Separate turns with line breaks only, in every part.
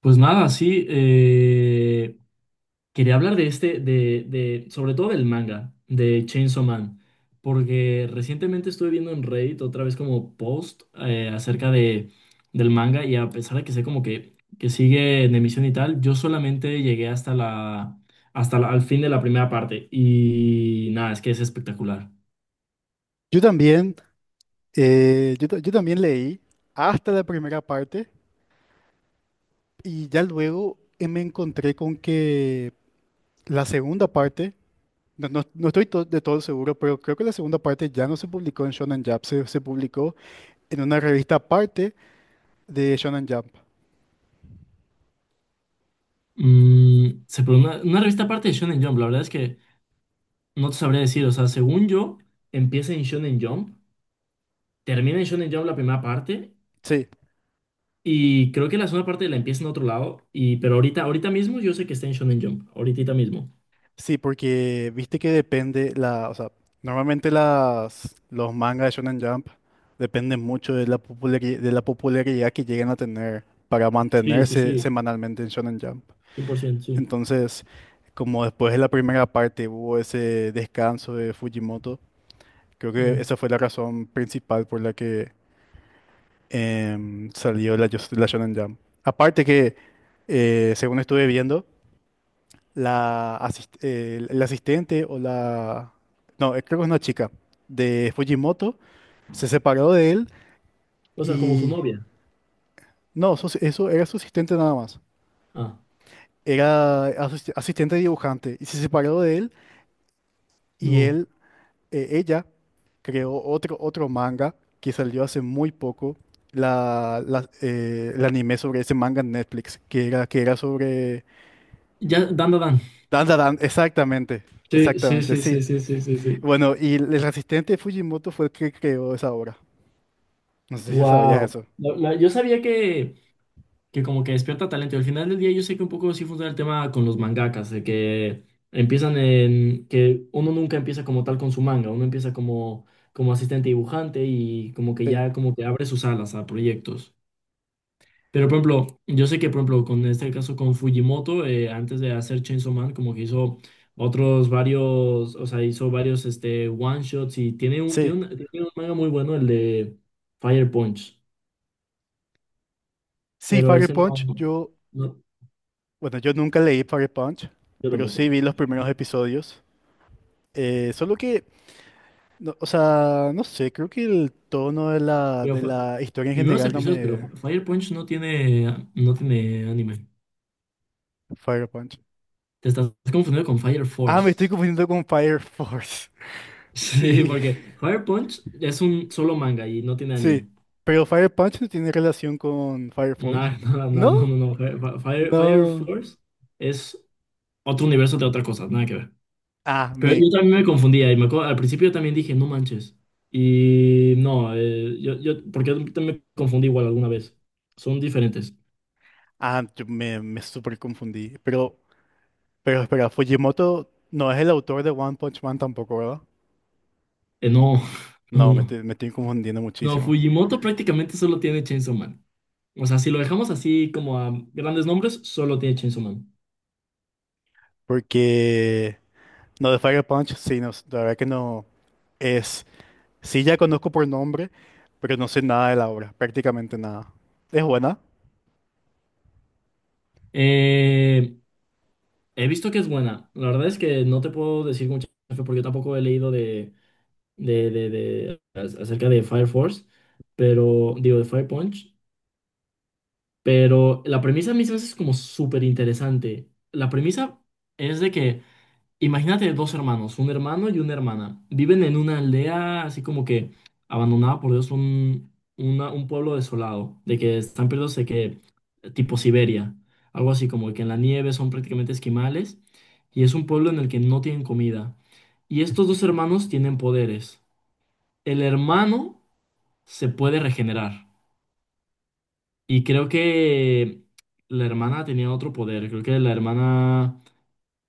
Pues nada, sí, quería hablar de sobre todo del manga, de Chainsaw Man, porque recientemente estuve viendo en Reddit otra vez como post acerca de, del manga y a pesar de que sé como que sigue en emisión y tal, yo solamente llegué al fin de la primera parte y nada, es que es espectacular.
Yo también, yo también leí hasta la primera parte y ya luego me encontré con que la segunda parte, no estoy de todo seguro, pero creo que la segunda parte ya no se publicó en Shonen Jump, se publicó en una revista aparte de Shonen Jump.
Se pone una revista aparte de Shonen Jump, la verdad es que no te sabría decir, o sea, según yo, empieza en Shonen Jump. Termina en Shonen Jump la primera parte
Sí,
y creo que la segunda parte la empieza en otro lado, y, pero ahorita mismo yo sé que está en Shonen Jump, ahorita mismo.
sí, porque viste que depende o sea, normalmente los mangas de Shonen Jump dependen mucho de la popularidad que lleguen a tener para
Sí, sí,
mantenerse
sí,
semanalmente en Shonen Jump.
100% sí.
Entonces, como después de la primera parte hubo ese descanso de Fujimoto, creo que
Mm.
esa fue la razón principal por la que salió la Shonen Jump. Aparte que, según estuve viendo, la asistente o la... No, creo que es una chica de Fujimoto, se separó de él
O sea, como su
y...
novia.
No, eso era su asistente nada más.
Ah,
Era asistente dibujante y se separó de él. Y
no.
él ella creó otro manga que salió hace muy poco, el anime sobre ese manga en Netflix, que era sobre...
Ya, Dan, Dan. Dan.
Dan, Dan, Dan, exactamente,
Sí, sí,
exactamente,
sí, sí,
sí.
sí, sí, sí, sí.
Bueno, y el asistente de Fujimoto fue el que creó esa obra. No sé si sabías
Wow.
eso.
Yo sabía que como que despierta talento. Y al final del día yo sé que un poco sí funciona el tema con los mangakas, de que empiezan en, que uno nunca empieza como tal con su manga, uno empieza como, como asistente dibujante y como que
Sí,
ya como que abre sus alas a proyectos. Pero por ejemplo, yo sé que por ejemplo con este caso con Fujimoto, antes de hacer Chainsaw Man, como que hizo otros varios, o sea, hizo varios este one shots y tiene
sí,
tiene un manga muy bueno, el de Fire Punch,
sí,
pero
Fire
ese no,
Punch, yo,
no,
bueno, yo nunca leí Fire Punch,
yo
pero sí
tampoco.
vi los primeros episodios. Solo que, o sea, no sé, creo que el tono de
Pero
de
fue-
la historia en
Primeros
general no
episodios, pero
me...
Fire Punch no tiene, no tiene anime.
Fire Punch.
Te estás confundiendo con Fire
Ah, me estoy
Force.
confundiendo con Fire Force.
Sí,
Sí,
porque Fire Punch es un solo manga y no tiene
sí.
anime.
Pero Fire Punch no tiene relación con Fire
No,
Force.
no, no, no,
¿No?
no, no. Fire, Fire
No.
Force es otro universo de otra cosa, nada que ver.
Ah,
Pero
me,
yo también me confundía y me acuerdo- al principio yo también dije, no manches. Y no, yo, porque yo también me confundí igual alguna vez. Son diferentes.
ah, me súper confundí. Pero espera, Fujimoto no es el autor de One Punch Man tampoco, ¿verdad?
No, no,
No,
no.
me estoy confundiendo
No,
muchísimo.
Fujimoto prácticamente solo tiene Chainsaw Man. O sea, si lo dejamos así como a grandes nombres, solo tiene Chainsaw Man.
Porque, no, de Fire Punch, sí, no, la verdad que no es. Sí, ya conozco por nombre, pero no sé nada de la obra, prácticamente nada. ¿Es buena?
Eh, He visto que es buena. La verdad es que no te puedo decir mucho porque yo tampoco he leído acerca de Fire Force, pero digo de Fire Punch. Pero la premisa a mí se me hace como súper interesante. La premisa es de que imagínate dos hermanos, un hermano y una hermana. Viven en una aldea así como que abandonada por Dios, un pueblo desolado, de que están perdidos de que tipo Siberia, algo así como que en la nieve son prácticamente esquimales y es un pueblo en el que no tienen comida. Y estos dos hermanos tienen poderes. El hermano se puede regenerar y creo que la hermana tenía otro poder, creo que la hermana...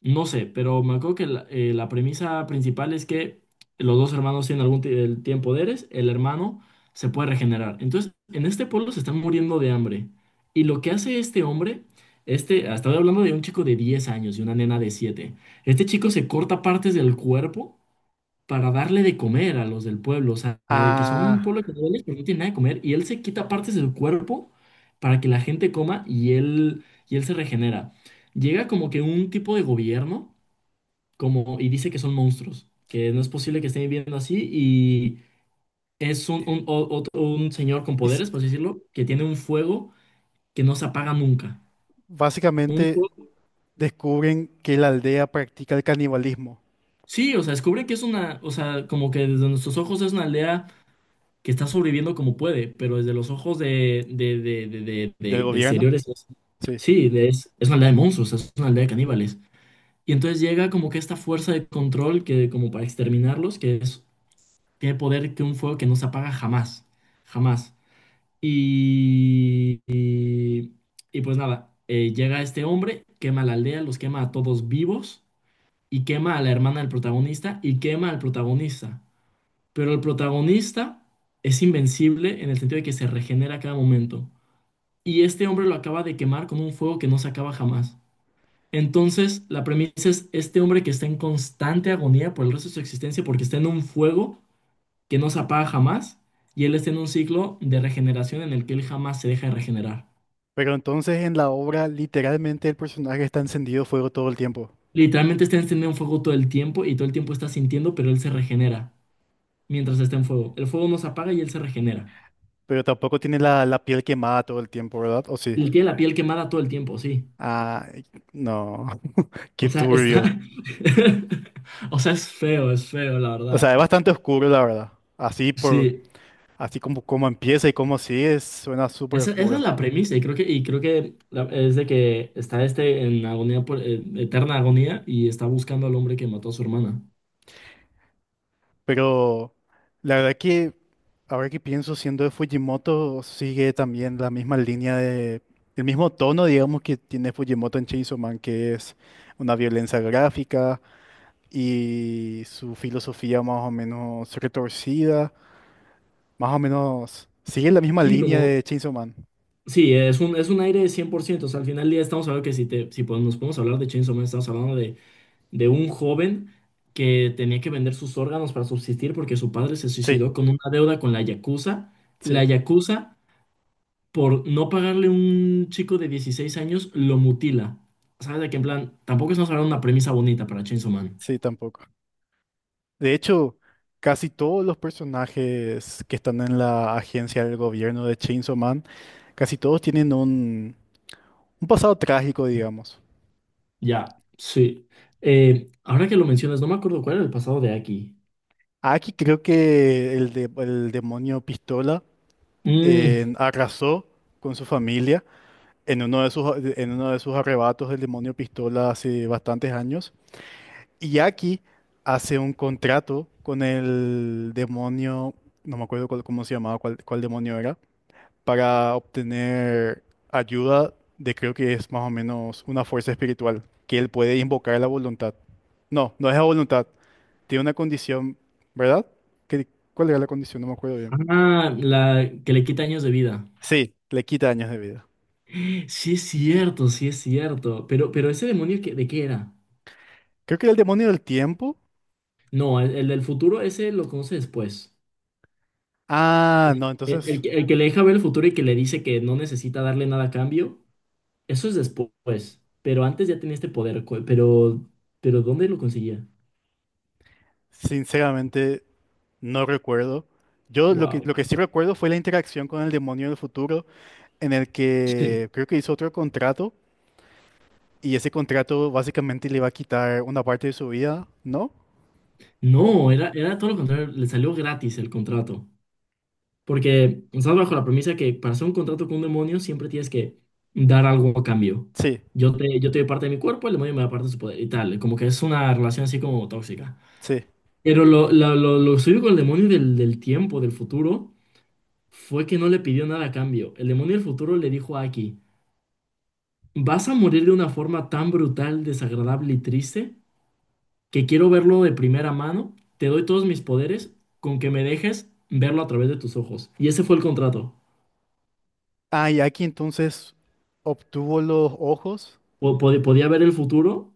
No sé, pero me acuerdo que la premisa principal es que los dos hermanos tienen el tiempo poderes, el hermano se puede regenerar. Entonces, en este pueblo se están muriendo de hambre. Y lo que hace este hombre, estaba hablando de un chico de 10 años y una nena de 7. Este chico se corta partes del cuerpo para darle de comer a los del pueblo, o sea, de que son un
Ah,
pueblo que duele, pero no tiene nada de comer, y él se quita partes de su cuerpo para que la gente coma y él se regenera. Llega como que un tipo de gobierno como, y dice que son monstruos, que no es posible que estén viviendo así, y es un señor con
es-
poderes, por así decirlo, que tiene un fuego que no se apaga nunca. Un
básicamente
fuego-
descubren que la aldea practica el canibalismo
Sí, o sea, descubre que es una, o sea, como que desde nuestros ojos es una aldea que está sobreviviendo como puede, pero desde los ojos
del
de
gobierno.
exteriores, es-
Sí.
sí, de- es una aldea de monstruos, es una aldea de caníbales. Y entonces llega como que esta fuerza de control que como para exterminarlos, que es, tiene poder que un fuego que no se apaga jamás, jamás. Y, y, y pues nada, llega este hombre, quema la aldea, los quema a todos vivos y quema a la hermana del protagonista y quema al protagonista. Pero el protagonista es invencible en el sentido de que se regenera a cada momento. Y este hombre lo acaba de quemar con un fuego que no se acaba jamás. Entonces, la premisa es este hombre que está en constante agonía por el resto de su existencia porque está en un fuego que no se apaga jamás y él está en un ciclo de regeneración en el que él jamás se deja de regenerar.
Pero entonces en la obra literalmente el personaje está encendido fuego todo el tiempo.
Literalmente está encendido en fuego todo el tiempo y todo el tiempo está sintiendo, pero él se regenera mientras está en fuego. El fuego no se apaga y él se regenera.
Pero tampoco tiene la piel quemada todo el tiempo, ¿verdad? ¿O sí?
Él tiene la piel quemada todo el tiempo, sí.
Ah, no,
O
qué
sea, está.
turbio.
O sea, es feo, la
O sea,
verdad.
es bastante oscuro, la verdad. Así por,
Sí.
así como, como empieza y como sigue, suena súper
Esa es
oscuro.
la premisa, y creo que es de que está este en agonía por, eterna agonía y está buscando al hombre que mató a su hermana.
Pero la verdad que ahora que pienso, siendo de Fujimoto, sigue también la misma línea de, el mismo tono, digamos, que tiene Fujimoto en Chainsaw Man, que es una violencia gráfica y su filosofía más o menos retorcida, más o menos sigue la misma
Sí,
línea
como.
de Chainsaw Man.
Sí, es un aire de cien por ciento. O sea, al final del día estamos hablando que si nos podemos hablar de Chainsaw Man, estamos hablando de un joven que tenía que vender sus órganos para subsistir porque su padre se
Sí,
suicidó con una deuda con la Yakuza. La
sí,
Yakuza por no pagarle un chico de 16 años, lo mutila. ¿Sabes? De que en plan, tampoco estamos hablando de una premisa bonita para Chainsaw Man.
sí, tampoco. De hecho, casi todos los personajes que están en la agencia del gobierno de Chainsaw Man, casi todos tienen un pasado trágico, digamos.
Ya, sí. Ahora que lo mencionas, no me acuerdo cuál era el pasado de Aki.
Aquí creo que el demonio Pistola
Mm,
arrasó con su familia en uno de sus, en uno de sus arrebatos del demonio Pistola hace bastantes años. Y Aki hace un contrato con el demonio, no me acuerdo cómo se llamaba, cuál, cuál demonio era, para obtener ayuda de creo que es más o menos una fuerza espiritual, que él puede invocar a la voluntad. No, no es la voluntad. Tiene una condición, ¿verdad? ¿Qué- ¿cuál era la condición? No me acuerdo bien.
ah, la que le quita años de vida.
Sí, le quita años de vida.
Sí es cierto, sí es cierto. Pero ese demonio, que- ¿de qué era?
Creo que era el demonio del tiempo.
No, el del futuro, ese lo conoce después.
Ah, no, entonces,
El que le deja ver el futuro y que le dice que no necesita darle nada a cambio, eso es después, pero antes ya tenía este poder, pero ¿dónde lo conseguía?
sinceramente, no recuerdo. Yo
Wow.
lo que sí recuerdo fue la interacción con el demonio del futuro, en el
Sí.
que creo que hizo otro contrato, y ese contrato básicamente le iba a quitar una parte de su vida, ¿no? Oh,
No, era, era todo lo contrario, le salió gratis el contrato, porque estás bajo la premisa que para hacer un contrato con un demonio siempre tienes que dar algo a cambio.
sí,
Yo te doy parte de mi cuerpo, el demonio me da parte de su poder y tal, como que es una relación así como tóxica.
sí.
Pero lo suyo con el demonio del tiempo, del futuro, fue que no le pidió nada a cambio. El demonio del futuro le dijo a Aki. Vas a morir de una forma tan brutal, desagradable y triste que quiero verlo de primera mano. Te doy todos mis poderes con que me dejes verlo a través de tus ojos. Y ese fue el contrato.
Ah, y aquí entonces obtuvo los ojos.
Podía ver el futuro,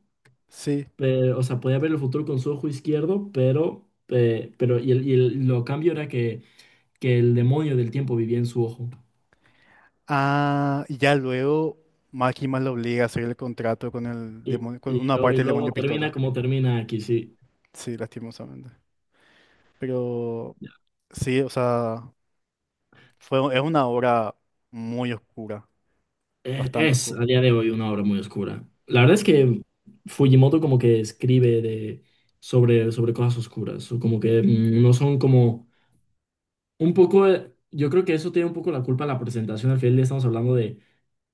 Sí.
pero- o sea, podía ver el futuro con su ojo izquierdo, pero, lo cambio era que el demonio del tiempo vivía en su ojo.
Ah, y ya luego Máquina lo obliga a hacer el contrato con el
Y,
demonio, con una
y
parte del
luego
demonio
termina
pistola.
como termina aquí, sí.
Sí, lastimosamente. Pero sí, o sea, fue, es una obra muy oscura, bastante
Es a
oscura.
día de hoy una obra muy oscura. La verdad es que Fujimoto como que escribe de, sobre cosas oscuras, o como que no son como un poco, yo creo que eso tiene un poco la culpa en la presentación, al final le estamos hablando de,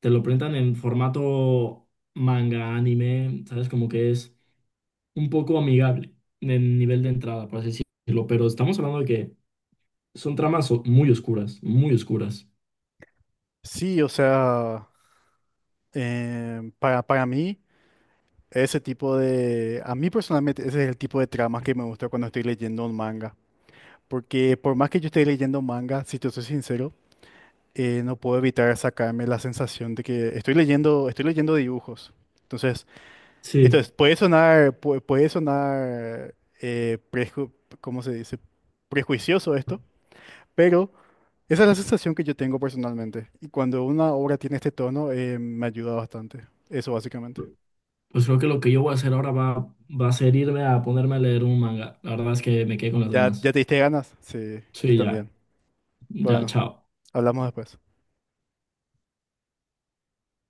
te lo presentan en formato manga, anime, ¿sabes? Como que es un poco amigable en nivel de entrada, por así decirlo, pero estamos hablando de que son muy oscuras, muy oscuras.
Sí, o sea, para mí, ese tipo de... A mí personalmente, ese es el tipo de tramas que me gusta cuando estoy leyendo un manga. Porque por más que yo esté leyendo manga, si te soy sincero, no puedo evitar sacarme la sensación de que estoy leyendo dibujos. Entonces, esto es-
Sí.
puede sonar, puede sonar, eh, preju- ¿cómo se dice? Prejuicioso esto, pero esa es la sensación que yo tengo personalmente. Y cuando una obra tiene este tono, me ayuda bastante. Eso básicamente.
Pues creo que lo que yo voy a hacer ahora va a ser irme a ponerme a leer un manga. La verdad es que me quedé con las
¿Ya,
ganas.
ya te diste ganas? Sí, yo
Sí, ya,
también.
ya,
Bueno,
chao.
hablamos después.